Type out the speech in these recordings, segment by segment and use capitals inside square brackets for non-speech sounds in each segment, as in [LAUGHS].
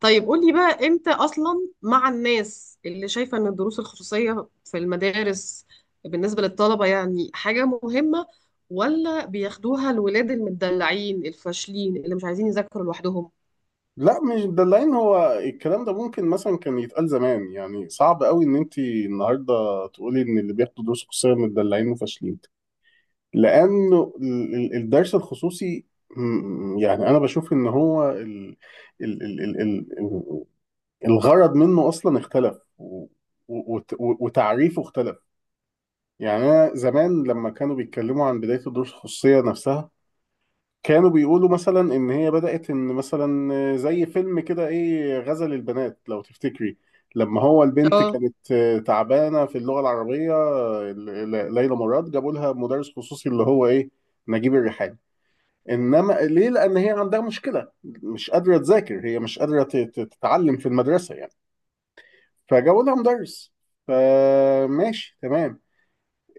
طيب قولي بقى امتى اصلا مع الناس اللي شايفه ان الدروس الخصوصيه في المدارس بالنسبه للطلبه يعني حاجه مهمه، ولا بياخدوها الولاد المدلعين الفاشلين اللي مش عايزين يذاكروا لوحدهم؟ لا، مش دلعين. هو الكلام ده ممكن مثلا كان يتقال زمان. يعني صعب قوي ان انت النهارده تقولي ان اللي بياخدوا دروس خصوصيه متدلعين وفاشلين. لانه الدرس الخصوصي يعني انا بشوف ان هو ال ال ال ال ال الغرض منه اصلا اختلف و وتعريفه اختلف. يعني انا زمان لما كانوا بيتكلموا عن بدايه الدروس الخصوصيه نفسها، كانوا بيقولوا مثلا ان هي بدأت ان مثلا زي فيلم كده، ايه، غزل البنات لو تفتكري. لما هو البنت اه، كانت تعبانة في اللغة العربية، ليلى مراد جابوا لها مدرس خصوصي اللي هو ايه، نجيب الريحاني. انما ليه؟ لان هي عندها مشكلة، مش قادرة تذاكر، هي مش قادرة تتعلم في المدرسة يعني. فجابوا لها مدرس، فماشي تمام.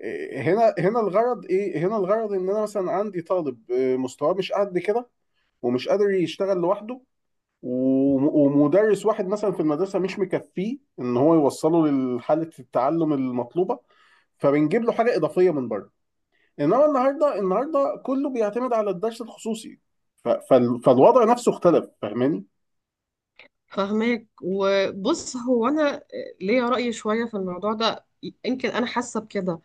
إيه، هنا الغرض ايه؟ هنا الغرض ان انا مثلا عندي طالب، مستواه مش قد كده ومش قادر يشتغل لوحده، وم- ومدرس واحد مثلا في المدرسة مش مكفيه ان هو يوصله لحالة التعلم المطلوبة، فبنجيب له حاجة إضافية من بره. انما النهارده، النهارده كله بيعتمد على الدرس الخصوصي. فالوضع نفسه اختلف، فاهماني؟ فهماك. وبص، هو انا ليا رأي شوية في الموضوع ده. يمكن انا حاسة بكده.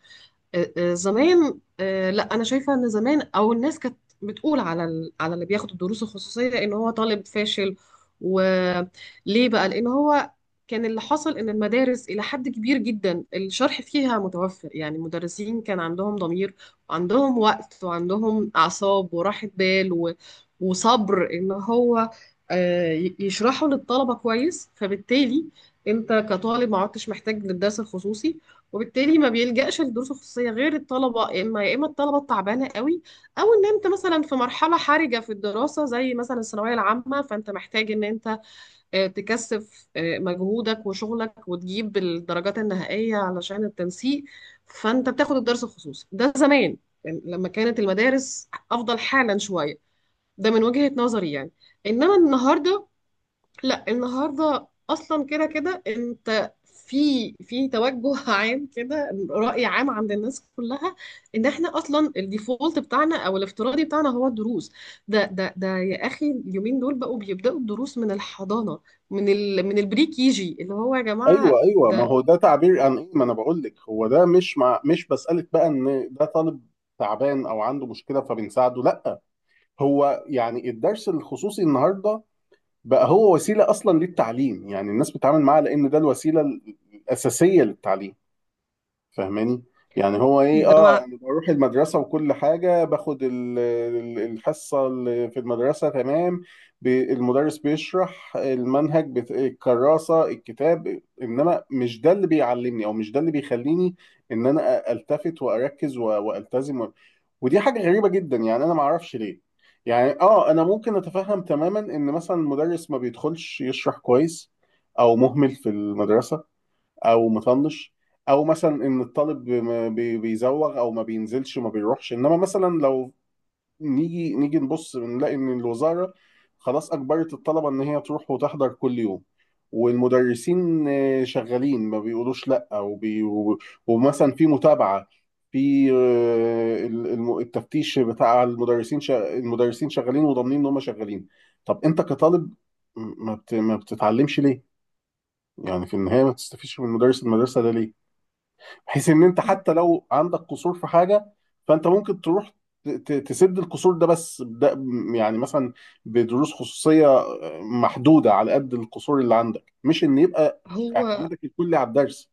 زمان، لا انا شايفه ان زمان او الناس كانت بتقول على على اللي بياخد الدروس الخصوصيه ان هو طالب فاشل. وليه بقى؟ لان هو كان، اللي حصل ان المدارس الى حد كبير جدا الشرح فيها متوفر، يعني المدرسين كان عندهم ضمير وعندهم وقت وعندهم اعصاب وراحه بال وصبر ان هو يشرحوا للطلبه كويس. فبالتالي انت كطالب ما عدتش محتاج للدرس الخصوصي، وبالتالي ما بيلجأش لدروس خصوصية غير الطلبة، يا إما يا إما الطلبة التعبانة قوي، أو إن أنت مثلا في مرحلة حرجة في الدراسة زي مثلا الثانوية العامة، فأنت محتاج إن أنت تكثف مجهودك وشغلك وتجيب الدرجات النهائية علشان التنسيق، فأنت بتاخد الدرس الخصوصي ده. زمان، يعني لما كانت المدارس أفضل حالا شوية، ده من وجهة نظري يعني. إنما النهاردة لا، النهارده اصلا كده كده انت في في توجه [LAUGHS] عام كده، رأي عام عند الناس كلها ان احنا اصلا الديفولت بتاعنا او الافتراضي بتاعنا هو الدروس. ده يا اخي، اليومين دول بقوا بيبدأوا الدروس من الحضانة، من من البري كيجي، اللي هو يا ايوه جماعة ايوه. ما ده. هو ده تعبير عن ايه؟ ما انا بقول لك. هو ده مش، مع، مش بسألك بقى ان ده طالب تعبان او عنده مشكلة فبنساعده، لا. هو يعني الدرس الخصوصي النهارده بقى هو وسيلة أصلا للتعليم. يعني الناس بتتعامل معاه لأن ده الوسيلة الأساسية للتعليم، فاهماني؟ يعني هو إيه، ده آه، مع، أنا بروح المدرسة وكل حاجة، باخد الحصة اللي في المدرسة تمام، المدرس بيشرح المنهج، الكراسة، الكتاب، إنما مش ده اللي بيعلمني أو مش ده اللي بيخليني إن أنا ألتفت وأركز و وألتزم. ودي حاجة غريبة جدا، يعني أنا ما أعرفش ليه. يعني آه، أنا ممكن أتفهم تماما إن مثلا المدرس ما بيدخلش يشرح كويس، أو مهمل في المدرسة، أو مطنش، أو مثلا إن الطالب ما بي- بيزوغ أو ما بينزلش ما بيروحش. إنما مثلا لو نيجي نبص، بنلاقي ان الوزاره خلاص اجبرت الطلبه ان هي تروح وتحضر كل يوم، والمدرسين شغالين، ما بيقولوش لا، و ومثلا في متابعه، في التفتيش بتاع المدرسين، المدرسين شغالين وضامنين ان هم شغالين. طب انت كطالب ما بتتعلمش ليه؟ يعني في النهايه ما تستفيدش من مدرس المدرسه ده ليه؟ بحيث ان انت حتى لو عندك قصور في حاجه، فانت ممكن تروح تسد القصور ده. بس ده يعني مثلا بدروس خصوصيه محدوده على قد القصور اللي عندك، مش ان يبقى هو اعتمادك الكلي على الدرس.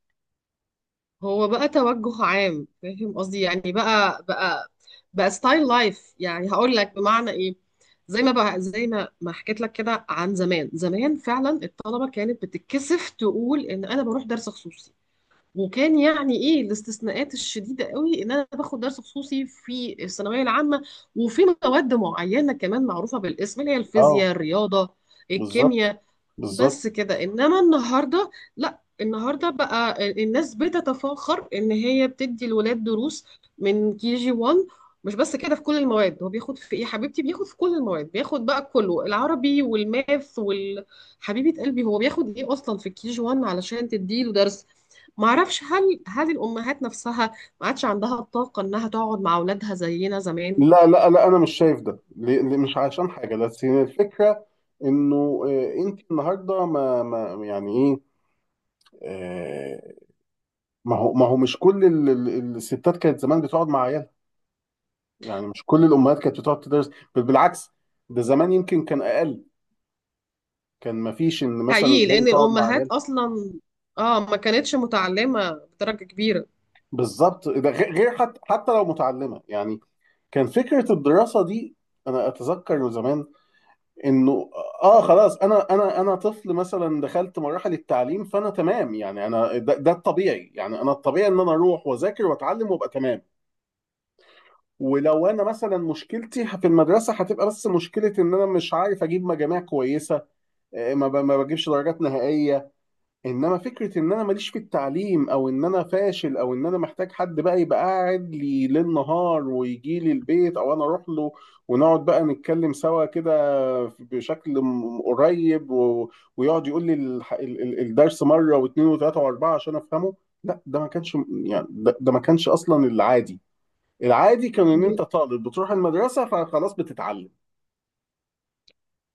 هو بقى توجه عام، فاهم قصدي؟ يعني بقى ستايل لايف. يعني هقول لك بمعنى ايه، زي ما بقى، زي ما حكيت لك كده عن زمان. زمان فعلا الطلبه كانت بتتكسف تقول ان انا بروح درس خصوصي، وكان يعني ايه، الاستثناءات الشديده قوي ان انا باخد درس خصوصي في الثانويه العامه، وفي مواد معينه كمان معروفه بالاسم، اللي هي اه، الفيزياء، الرياضه، بالظبط، الكيمياء، بالظبط. بس كده. انما النهارده لا، النهارده بقى الناس بتتفاخر ان هي بتدي الولاد دروس من كي جي 1. مش بس كده، في كل المواد هو بياخد، في ايه يا حبيبتي، بياخد في كل المواد، بياخد بقى كله، العربي والماث وال، حبيبه قلبي هو بياخد ايه اصلا في الكي جي 1 علشان تديله درس؟ معرفش، هل الامهات نفسها ما عادش عندها الطاقه انها تقعد مع اولادها زينا زمان؟ لا لا لا، انا مش شايف ده مش عشان حاجه، بس هي الفكره انه آه، انت النهارده ما يعني ايه، آه، ما هو، ما هو مش كل الستات كانت زمان بتقعد مع عيالها. يعني مش كل الامهات كانت بتقعد تدرس، بل بالعكس. ده زمان يمكن كان اقل، كان ما فيش ان مثلا حقيقي، الاهالي لان تقعد مع الامهات عيال. اصلا اه ما كانتش متعلمه بدرجه كبيره. بالظبط. ده غير حتى، حتى لو متعلمه يعني، كان فكره الدراسه دي، انا اتذكر زمان انه، اه خلاص، انا انا طفل مثلا دخلت مراحل التعليم فانا تمام. يعني انا ده الطبيعي. يعني انا الطبيعي ان انا اروح واذاكر واتعلم وابقى تمام. ولو انا مثلا مشكلتي في المدرسه، هتبقى بس مشكله ان انا مش عارف اجيب مجاميع كويسه، ما بجيبش درجات نهائية. انما فكرة ان انا ماليش في التعليم، او ان انا فاشل، او ان انا محتاج حد بقى يبقى قاعد لي ليل نهار ويجي لي البيت او انا اروح له، ونقعد بقى نتكلم سوا كده بشكل قريب و ويقعد يقول لي الدرس مرة واثنين وثلاثة واربعة عشان افهمه، لا ده ما كانش. يعني ده ما كانش اصلا العادي. العادي كان ان انت طالب بتروح المدرسة فخلاص بتتعلم.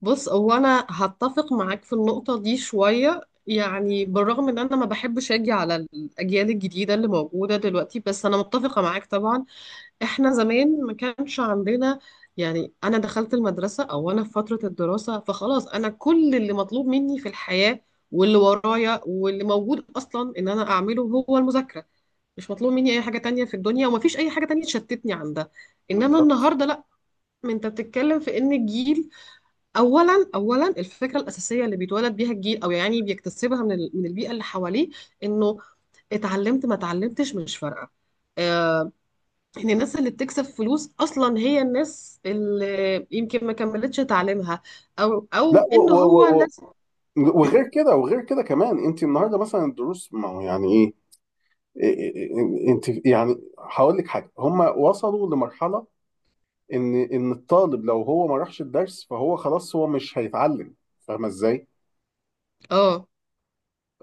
بص، هو انا هتفق معاك في النقطة دي شوية. يعني بالرغم ان انا ما بحبش اجي على الاجيال الجديدة اللي موجودة دلوقتي، بس انا متفقة معاك طبعا. احنا زمان ما كانش عندنا، يعني انا دخلت المدرسة او انا في فترة الدراسة فخلاص، انا كل اللي مطلوب مني في الحياة واللي ورايا واللي موجود اصلا ان انا اعمله هو المذاكرة. مش مطلوب مني اي حاجة تانية في الدنيا ومفيش اي حاجة تانية تشتتني عن ده. انما بالظبط. النهاردة لا، انت بتتكلم في ان الجيل، اولا الفكره الاساسيه اللي بيتولد بيها الجيل او يعني بيكتسبها من البيئه اللي حواليه انه اتعلمت ما اتعلمتش مش فارقه، آه، ان الناس اللي بتكسب فلوس اصلا هي الناس اللي يمكن ما كملتش تعليمها، لا، او ان هو لازم. وغير كده، وغير كده كمان، انت النهارده مثلا الدروس، ما هو يعني ايه، إيه- إيه- إيه، انت يعني هقول لك حاجه، هم وصلوا لمرحله ان، ان الطالب لو هو ما راحش الدرس فهو خلاص هو مش هيتعلم. فاهمه ازاي؟ اه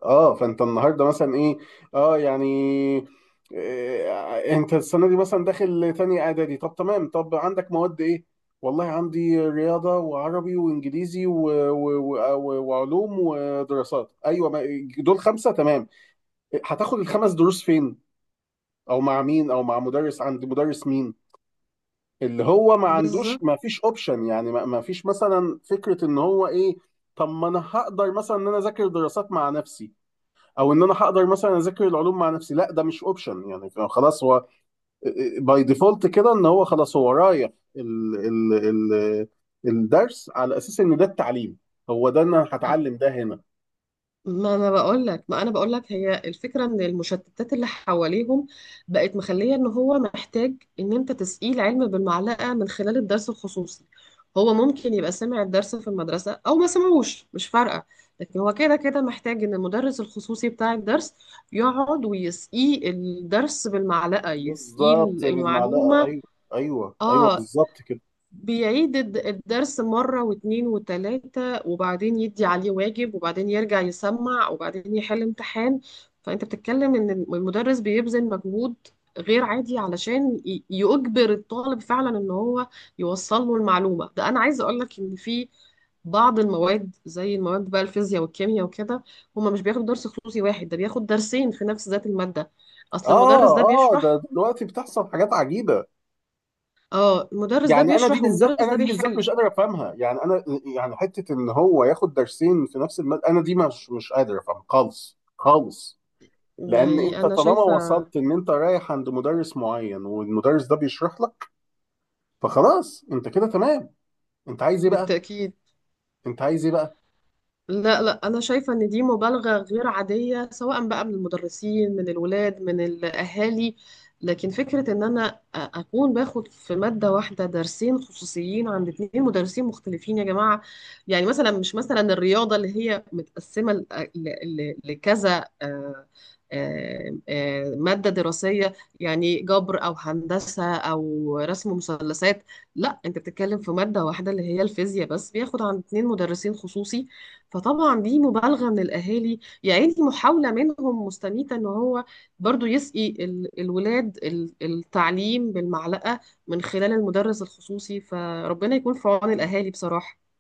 اه، فانت النهارده مثلا ايه، اه يعني، إيه، انت السنه دي مثلا داخل تاني اعدادي، طب تمام، طب عندك مواد ايه؟ والله عندي رياضة وعربي وإنجليزي و وعلوم ودراسات، أيوة ما، دول خمسة تمام. هتاخد الخمس دروس فين، او مع مين، او مع مدرس، عند مدرس مين؟ اللي هو ما عندوش، بالظبط. ما فيش اوبشن. يعني ما فيش مثلا فكرة ان هو ايه، طب ما انا هقدر مثلا ان انا اذاكر دراسات مع نفسي، او ان انا هقدر مثلا اذاكر العلوم مع نفسي، لا ده مش اوبشن. يعني خلاص هو باي ديفولت كده ان هو خلاص هو رايح ال ال ال الدرس على اساس ان ده التعليم. هو ده، انا هتعلم ده هنا. ما انا بقول لك، ما انا بقول لك هي الفكره، ان المشتتات اللي حواليهم بقت مخليه ان هو محتاج ان انت تسقيه العلم بالمعلقه من خلال الدرس الخصوصي. هو ممكن يبقى سمع الدرس في المدرسه او ما سمعوش مش فارقه، لكن هو كده كده محتاج ان المدرس الخصوصي بتاع الدرس يقعد ويسقيه الدرس بالمعلقه، يسقيه بالظبط، بالمعلقة، المعلومه. ايوه ايوه ايوه، اه، بالظبط كده. بيعيد الدرس مرة واتنين وتلاتة، وبعدين يدي عليه واجب، وبعدين يرجع يسمع، وبعدين يحل امتحان. فأنت بتتكلم إن المدرس بيبذل مجهود غير عادي علشان يجبر الطالب فعلا إن هو يوصل له المعلومة. ده أنا عايزة أقول لك إن في بعض المواد زي المواد بقى الفيزياء والكيمياء وكده، هما مش بياخدوا درس خصوصي واحد، ده بياخد درسين في نفس ذات المادة. أصل اه المدرس ده اه، بيشرح، ده دلوقتي بتحصل حاجات عجيبه. اه، المدرس ده يعني انا دي بيشرح بالذات، والمدرس انا ده دي بالذات بيحل. مش قادر افهمها. يعني انا، يعني حته ان هو ياخد درسين في نفس المادة، انا دي مش، مش قادر افهمها خالص خالص. لان يعني انت أنا طالما شايفة، وصلت ان انت رايح عند مدرس معين والمدرس ده بيشرح لك، فخلاص انت كده تمام، انت عايز ايه بقى؟ بالتأكيد، انت عايز ايه بقى؟ لا لا، أنا شايفة إن دي مبالغة غير عادية سواء بقى من المدرسين من الولاد من الأهالي، لكن فكرة إن أنا أكون باخد في مادة واحدة درسين خصوصيين عند اتنين مدرسين مختلفين، يا جماعة! يعني مثلا، مش مثلا الرياضة اللي هي متقسمة لكذا مادة دراسية، يعني جبر أو هندسة أو رسم مثلثات، لا أنت بتتكلم في مادة واحدة اللي هي الفيزياء بس، بياخد عند اتنين مدرسين خصوصي. فطبعا دي مبالغة من الأهالي، يعني محاولة منهم مستميتة إن هو برضو يسقي الولاد التعليم بالمعلقة من خلال المدرس الخصوصي. فربنا يكون في عون الأهالي بصراحة.